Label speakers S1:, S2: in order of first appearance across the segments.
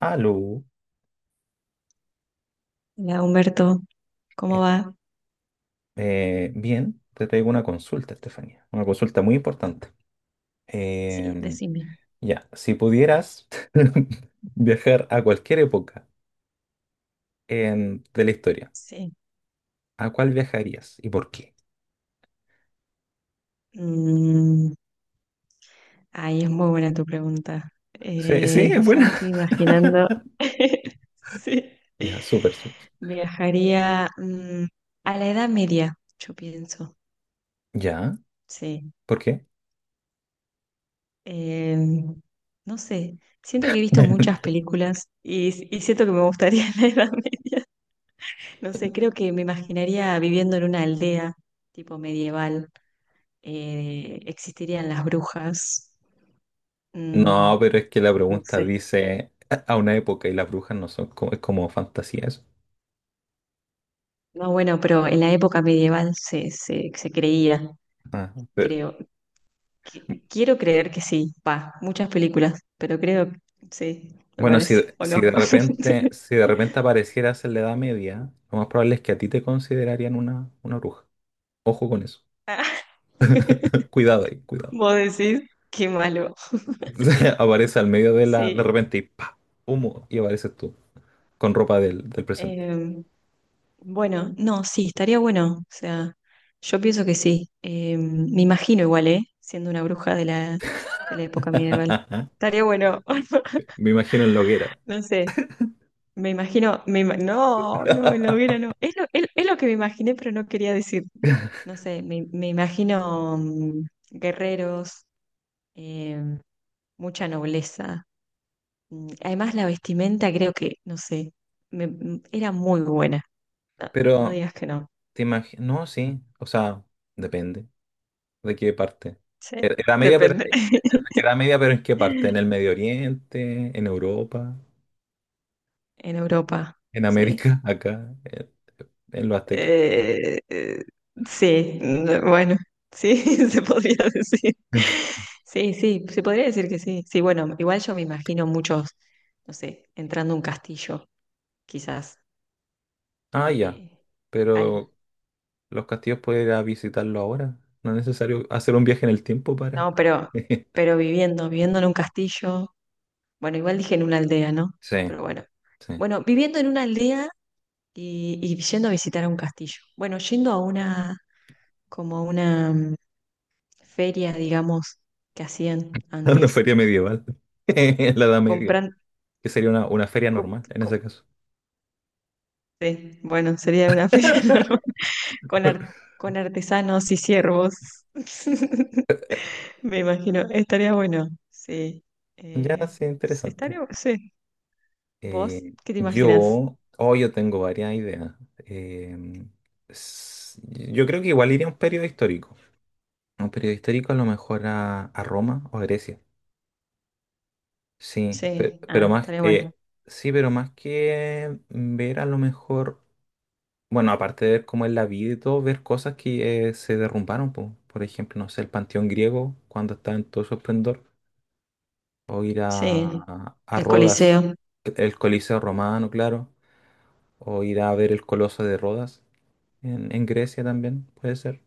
S1: Aló,
S2: Hola Humberto, ¿cómo va?
S1: bien, te traigo una consulta, Estefanía, una consulta muy importante.
S2: Sí,
S1: Em,
S2: decime.
S1: ya, si pudieras viajar a cualquier época de la historia,
S2: Sí.
S1: ¿a cuál viajarías y por qué?
S2: Mm, ay, es muy buena tu pregunta.
S1: Sí, sí,
S2: Eh,
S1: es
S2: ya me
S1: buena.
S2: estoy imaginando. Sí.
S1: Ya, súper, súper.
S2: Viajaría a la Edad Media, yo pienso.
S1: Ya,
S2: Sí.
S1: ¿por qué?
S2: Em, no sé. Siento que he visto muchas películas y siento que me gustaría la Edad Media. No sé, creo que me imaginaría viviendo en una aldea tipo medieval. Existirían las brujas, Mm,
S1: No, pero es que la
S2: no
S1: pregunta
S2: sé.
S1: dice a una época y las brujas no son como, es como fantasía eso.
S2: No, bueno, pero en la época medieval se creía,
S1: Ah.
S2: creo. Quiero creer que sí, pa, muchas películas, pero creo que sí, me
S1: Bueno, si,
S2: parece, ¿o
S1: si de
S2: no?
S1: repente, si de repente aparecieras en la Edad Media, lo más probable es que a ti te considerarían una bruja. Ojo con eso.
S2: Ah,
S1: Cuidado ahí, cuidado.
S2: vos decís, qué malo.
S1: Aparece al medio de la, de
S2: Sí.
S1: repente y ¡pa! Humo, y apareces tú, con ropa del presente.
S2: Em, bueno, no, sí, estaría bueno. O sea, yo pienso que sí. Me imagino igual, ¿eh? Siendo una bruja de la época medieval. Estaría bueno.
S1: Me imagino en la hoguera.
S2: No sé. Me imagino, no, no, en la hoguera no. Es lo que me imaginé, pero no quería decir. No sé, me imagino guerreros, eh, mucha nobleza. Además, la vestimenta creo que, no sé, era muy buena. No, no
S1: Pero,
S2: digas que no.
S1: te imagino, no, sí, o sea, depende de qué parte.
S2: Sí,
S1: Ed- Edad media, pero,
S2: depende.
S1: edad media, pero ¿en qué parte? ¿En el Medio Oriente? ¿En Europa?
S2: En Europa,
S1: ¿En
S2: sí.
S1: América? ¿Acá? ¿En los aztecas?
S2: Eh, eh, sí, bueno, sí, se podría decir. Sí, sí, se podría decir que sí. Sí, bueno, igual yo me imagino muchos, no sé, entrando a un castillo, quizás.
S1: Ah, ya.
S2: eh, al,
S1: Pero los castillos puedes ir a visitarlo ahora. No es necesario hacer un viaje en el tiempo para...
S2: no, pero, pero viviendo, viviendo en un castillo. Bueno, igual dije en una aldea, ¿no?
S1: Sí,
S2: Pero bueno.
S1: sí.
S2: Bueno, viviendo en una aldea y yendo a visitar a un castillo. Bueno, yendo a una, como a una feria, digamos, que hacían
S1: Una
S2: antes.
S1: feria medieval. En la Edad Media.
S2: Compran,
S1: Que sería una feria
S2: co-
S1: normal en ese
S2: co-
S1: caso.
S2: sí, bueno, sería una feria, ¿no? Con, con artesanos y siervos. Me imagino, estaría bueno, sí.
S1: Ya,
S2: Eh,
S1: sí,
S2: sí,
S1: interesante.
S2: estaría, sí. ¿Vos qué te imaginas?
S1: Yo, oh, yo tengo varias ideas. Eh, s- yo creo que igual iría a un periodo histórico. Un periodo histórico a lo mejor a Roma o Grecia. Sí,
S2: Sí,
S1: pero,
S2: ah,
S1: más,
S2: estaría bueno.
S1: sí, pero más que ver a lo mejor, bueno, aparte de ver cómo es la vida y todo, ver cosas que se derrumbaron, po. Por ejemplo, no sé, el Panteón griego cuando estaba en todo su esplendor, o ir
S2: Sí,
S1: a
S2: el
S1: Rodas,
S2: Coliseo,
S1: el Coliseo romano, claro, o ir a ver el Coloso de Rodas en Grecia también, puede ser.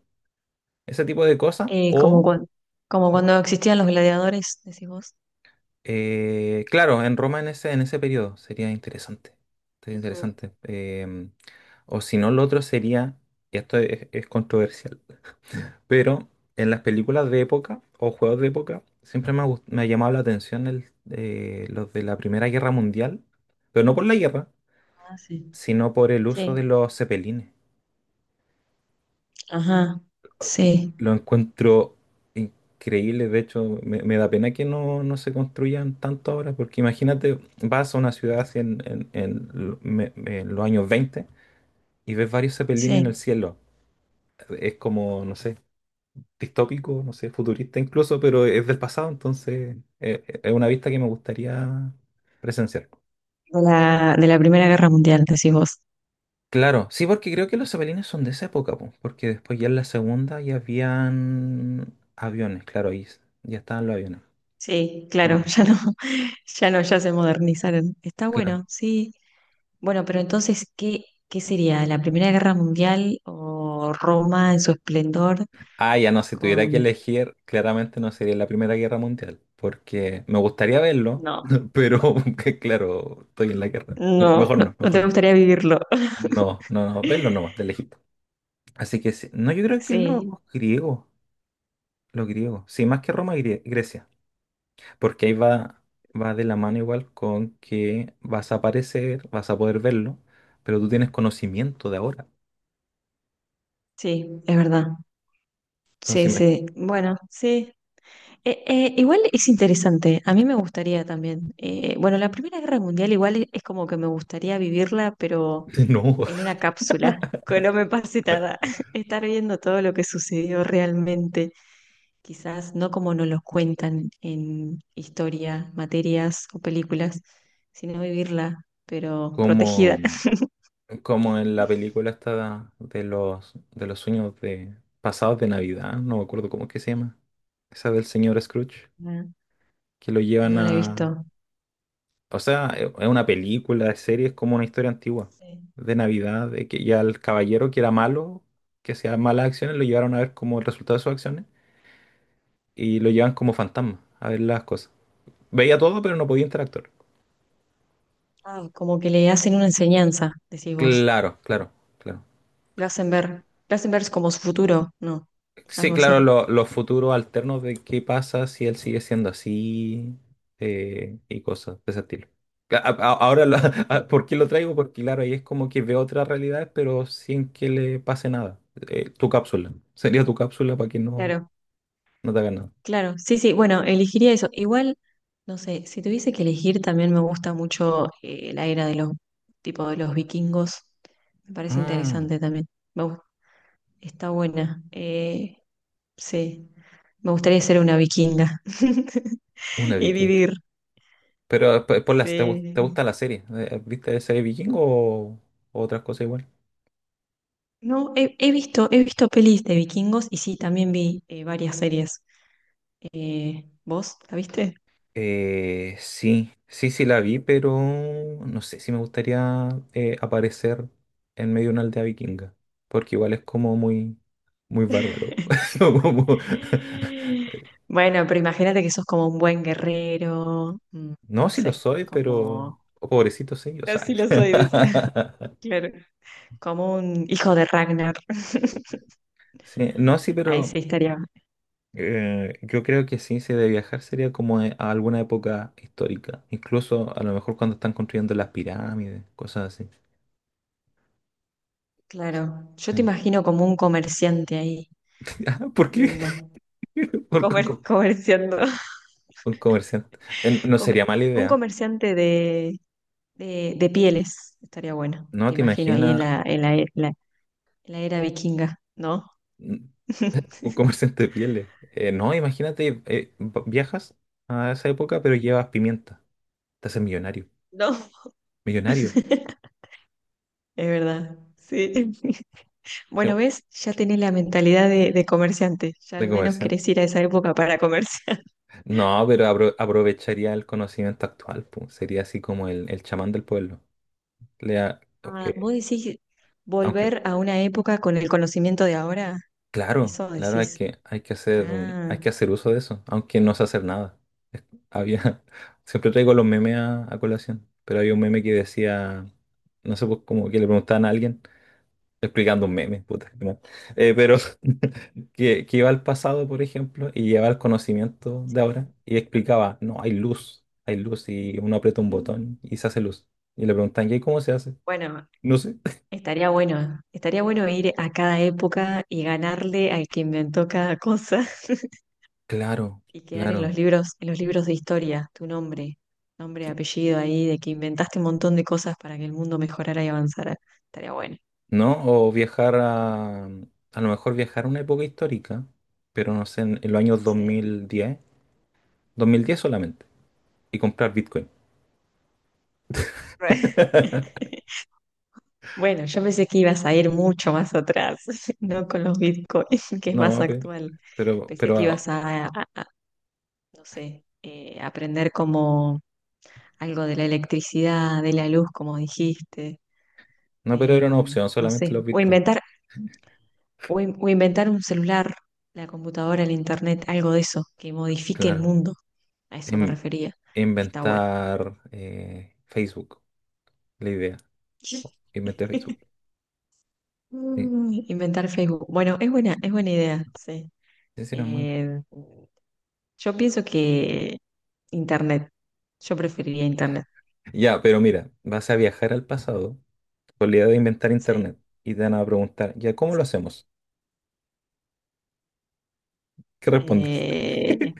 S1: Ese tipo de cosas,
S2: eh, como,
S1: o...
S2: cuan- como
S1: ¿Mm?
S2: cuando existían los gladiadores, decís vos.
S1: Claro, en Roma en ese periodo sería interesante. Sería
S2: Ujú.
S1: interesante. O si no, lo otro sería, y esto es controversial, pero en las películas de época o juegos de época siempre me ha, me ha llamado la atención el, los de la Primera Guerra Mundial, pero no por la guerra,
S2: Ah, sí.
S1: sino por el uso de
S2: Sí,
S1: los cepelines.
S2: ajá,
S1: Y
S2: sí,
S1: lo encuentro increíble, de hecho, me da pena que no, no se construyan tanto ahora, porque imagínate, vas a una ciudad así en, en los años 20 y ves varios zeppelines en el
S2: sí.
S1: cielo. Es como, no sé, distópico, no sé, futurista incluso, pero es del pasado, entonces es una vista que me gustaría presenciar.
S2: De la Primera Guerra Mundial, decís vos.
S1: Claro, sí, porque creo que los zeppelines son de esa época, po, porque después ya en la segunda ya habían aviones, claro, ya estaban los aviones.
S2: Sí, claro, ya no, ya se modernizaron. Está
S1: Claro.
S2: bueno, sí. Bueno, pero entonces, ¿qué sería? ¿La Primera Guerra Mundial o Roma en su esplendor?
S1: Ah, ya no, si tuviera que
S2: Con...
S1: elegir, claramente no sería la Primera Guerra Mundial, porque me gustaría verlo,
S2: No,
S1: pero que claro, estoy en la guerra.
S2: no,
S1: Mejor
S2: no,
S1: no,
S2: no
S1: mejor
S2: te
S1: no.
S2: gustaría vivirlo.
S1: No, no, no, verlo nomás, del Egipto. Así que sí, no, yo creo que
S2: Sí,
S1: griegos, los griegos, sí, más que Roma, Grecia, porque ahí va, va de la mano igual con que vas a aparecer, vas a poder verlo, pero tú tienes conocimiento de ahora.
S2: sí, es verdad. Sí,
S1: Entonces,
S2: sí. Bueno, sí. Igual es interesante, a mí me gustaría también. Bueno, la Primera Guerra Mundial igual es como que me gustaría vivirla, pero
S1: imagínate, no,
S2: en una cápsula, que no me pase nada. Estar viendo todo lo que sucedió realmente, quizás no como nos lo cuentan en historia, materias o películas, sino vivirla, pero
S1: como...
S2: protegida.
S1: Como en la película esta de los sueños de pasados de Navidad, no me acuerdo cómo es que se llama. Esa del señor Scrooge,
S2: Ah,
S1: que lo llevan
S2: no la he
S1: a...
S2: visto.
S1: O sea, es una película, es serie, es como una historia antigua
S2: Sí.
S1: de Navidad, de que ya el caballero que era malo, que hacía malas acciones, lo llevaron a ver como el resultado de sus acciones y lo llevan como fantasma a ver las cosas. Veía todo, pero no podía interactuar.
S2: Ah, como que le hacen una enseñanza, decís vos.
S1: Claro, claro, claro.
S2: Lo hacen ver como su futuro, ¿no?
S1: Sí,
S2: Algo
S1: claro,
S2: así.
S1: los futuros alternos de qué pasa si él sigue siendo así y cosas de ese estilo. Ahora,
S2: Y-
S1: ¿por qué lo traigo? Porque claro, ahí es como que ve otra realidad, pero sin que le pase nada. Tu cápsula. Sería tu cápsula para que no,
S2: Claro.
S1: no te haga nada.
S2: Claro, sí, sí, bueno, elegiría eso. Igual, no sé, si tuviese que elegir, también me gusta mucho la era de los, tipo de los vikingos. Me parece
S1: Ah,
S2: interesante también. Me gus- está buena. Sí, me gustaría ser una vikinga
S1: una
S2: y
S1: vikinga.
S2: vivir.
S1: Pero, por las, ¿te,
S2: Sí.
S1: te gusta la serie? ¿Viste la serie vikingo o otras cosas igual?
S2: No, he visto pelis de vikingos y sí, también vi varias series. ¿Vos la viste?
S1: Sí, sí, sí la vi, pero no sé si me gustaría aparecer en medio de una aldea vikinga, porque igual es como muy, muy bárbaro. Como...
S2: Bueno, pero imagínate que sos como un buen guerrero,
S1: No,
S2: no
S1: sí lo
S2: sé,
S1: soy, pero
S2: como.
S1: oh, pobrecito sí, o sea.
S2: Así lo soy, decía. Claro, como un hijo de Ragnar.
S1: Sí, no, sí,
S2: Ahí
S1: pero
S2: sí estaría.
S1: yo creo que sí, si de viajar sería como a alguna época histórica, incluso a lo mejor cuando están construyendo las pirámides, cosas así.
S2: Claro, yo
S1: Sí.
S2: te imagino como un comerciante ahí,
S1: Ah, ¿por qué?
S2: viendo,
S1: ¿Por qué?
S2: comerciando.
S1: Un comerciante. No
S2: Come-
S1: sería mala
S2: un
S1: idea.
S2: comerciante de pieles, estaría bueno.
S1: No,
S2: Te
S1: te
S2: imagino ahí en
S1: imaginas
S2: la, en la, e- la- en la era vikinga, ¿no?
S1: mm, un comerciante de pieles. No, imagínate, viajas a esa época, pero llevas pimienta. Te haces millonario.
S2: No,
S1: Millonario.
S2: es verdad, sí.
S1: Sí,
S2: Bueno, ¿ves? Ya tenés la mentalidad de comerciante. Ya al
S1: de
S2: menos
S1: comerciante.
S2: querés ir a esa época para comerciar.
S1: No, pero aprovecharía el conocimiento actual, pues. Sería así como el chamán del pueblo. Le da- ok,
S2: Ah, vos decís
S1: aunque,
S2: volver a una época con el conocimiento de ahora.
S1: claro,
S2: Eso
S1: claro,
S2: decís.
S1: hay que hacer,
S2: Ah,
S1: hay que hacer uso de eso, aunque no sé hacer nada. Es- Había, siempre traigo los memes a colación, pero había un meme que decía, no sé, pues como que le preguntaban a alguien, explicando un meme, puta, qué mal. Pero que iba al pasado, por ejemplo, y llevaba el conocimiento de
S2: sí.
S1: ahora y explicaba, no, hay luz y uno aprieta un
S2: Mm.
S1: botón y se hace luz. Y le preguntan, ¿y cómo se hace?
S2: Bueno,
S1: No sé.
S2: estaría bueno. Estaría bueno ir a cada época y ganarle al que inventó cada cosa
S1: Claro,
S2: y quedar en los
S1: claro.
S2: libros, en los libros de historia, tu nombre, apellido ahí, de que inventaste un montón de cosas para que el mundo mejorara y avanzara. Estaría bueno.
S1: ¿No? O viajar a lo mejor viajar a una época histórica, pero no sé, en los años
S2: Sí.
S1: 2010, 2010 solamente, y comprar Bitcoin.
S2: Bueno, yo pensé que ibas a ir mucho más atrás, no con los bitcoins, que es más
S1: No,
S2: actual. Pensé que ibas
S1: pero,
S2: a, no sé, aprender como algo de la electricidad, de la luz, como dijiste,
S1: no, pero era una opción,
S2: no
S1: solamente
S2: sé,
S1: los
S2: o
S1: Bitcoin,
S2: inventar, o inventar un celular, la computadora, el internet, algo de eso, que modifique el
S1: claro.
S2: mundo. A eso me
S1: In-
S2: refería. Está bueno.
S1: inventar Facebook, la idea, inventé Facebook. Sí,
S2: Inventar Facebook. Bueno, es buena idea, sí.
S1: sí, sí, normal.
S2: Eh, yo pienso que Internet, yo preferiría Internet.
S1: Ya, pero mira, vas a viajar al pasado con la idea de inventar
S2: Sí,
S1: Internet y te van a preguntar, ¿ya cómo
S2: sí.
S1: lo hacemos? ¿Qué respondes?
S2: Eh,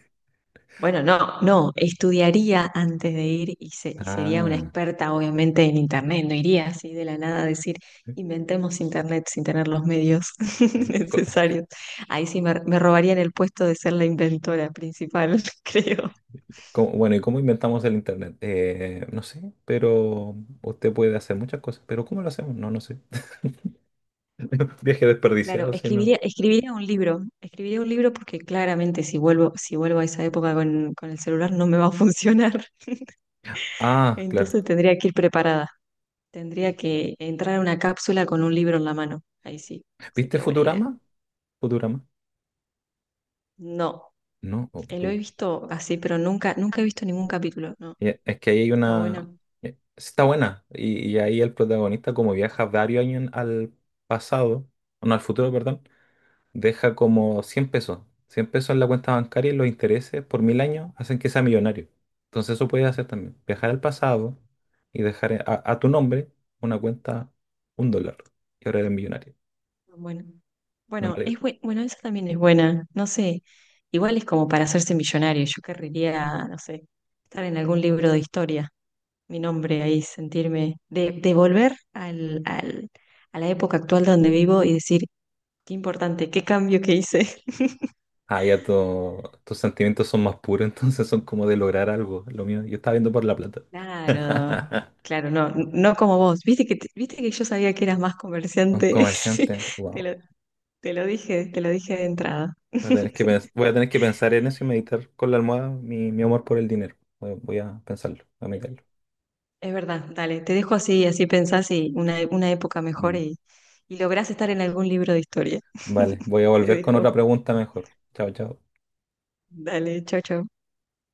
S2: bueno, no, no, estudiaría antes de ir y, se- y sería una
S1: Ah.
S2: experta, obviamente, en Internet. No iría así de la nada a decir, inventemos Internet sin tener los medios
S1: Co-
S2: necesarios. Ahí sí me robarían el puesto de ser la inventora principal, creo.
S1: Bueno, ¿y cómo inventamos el internet? No sé, pero usted puede hacer muchas cosas, pero ¿cómo lo hacemos? No, no sé. Viaje
S2: Claro,
S1: desperdiciado, si no.
S2: escribiría un libro porque claramente si vuelvo a esa época con el celular no me va a funcionar.
S1: Ah, claro.
S2: Entonces tendría que ir preparada, tendría que entrar a una cápsula con un libro en la mano. Ahí sí,
S1: ¿Viste
S2: sería buena idea.
S1: Futurama? Futurama.
S2: No,
S1: No,
S2: lo he visto así, pero nunca, nunca he visto ningún capítulo. No,
S1: ya, es que ahí hay
S2: está
S1: una...
S2: bueno,
S1: está buena. Y ahí el protagonista como viaja varios años al pasado, no, al futuro, perdón, deja como 100 pesos, 100 pesos en la cuenta bancaria y los intereses por 1.000 años hacen que sea millonario. Entonces eso puedes hacer también. Viajar al pasado y dejar a tu nombre una cuenta, 1 dólar. Y ahora eres millonario.
S2: bueno.
S1: No
S2: Bueno,
S1: mala
S2: es
S1: idea.
S2: bue- bueno, esa también es buena. No sé, igual es como para hacerse millonario. Yo querría, no sé, estar en algún libro de historia. Mi nombre ahí, sentirme, de volver al, a la época actual donde vivo y decir, qué importante, qué cambio que hice.
S1: Ah, ya tus sentimientos son más puros, entonces son como de lograr algo. Lo mío, yo estaba viendo por la plata.
S2: Claro, claro, no, no como vos. Viste que yo sabía que eras más
S1: Un
S2: comerciante. Sí,
S1: comerciante,
S2: Te
S1: wow.
S2: lo, te lo dije de entrada.
S1: Voy a tener que, voy a tener que pensar en eso y meditar con la almohada mi, mi amor por el dinero. Voy, voy a pensarlo, a meditarlo.
S2: Es verdad, dale, te dejo así, así pensás y una época mejor
S1: Mm.
S2: y lográs estar en algún libro de historia.
S1: Vale, voy a
S2: Te
S1: volver con otra
S2: dejo.
S1: pregunta mejor. Chao, chao.
S2: Dale, chau, chau.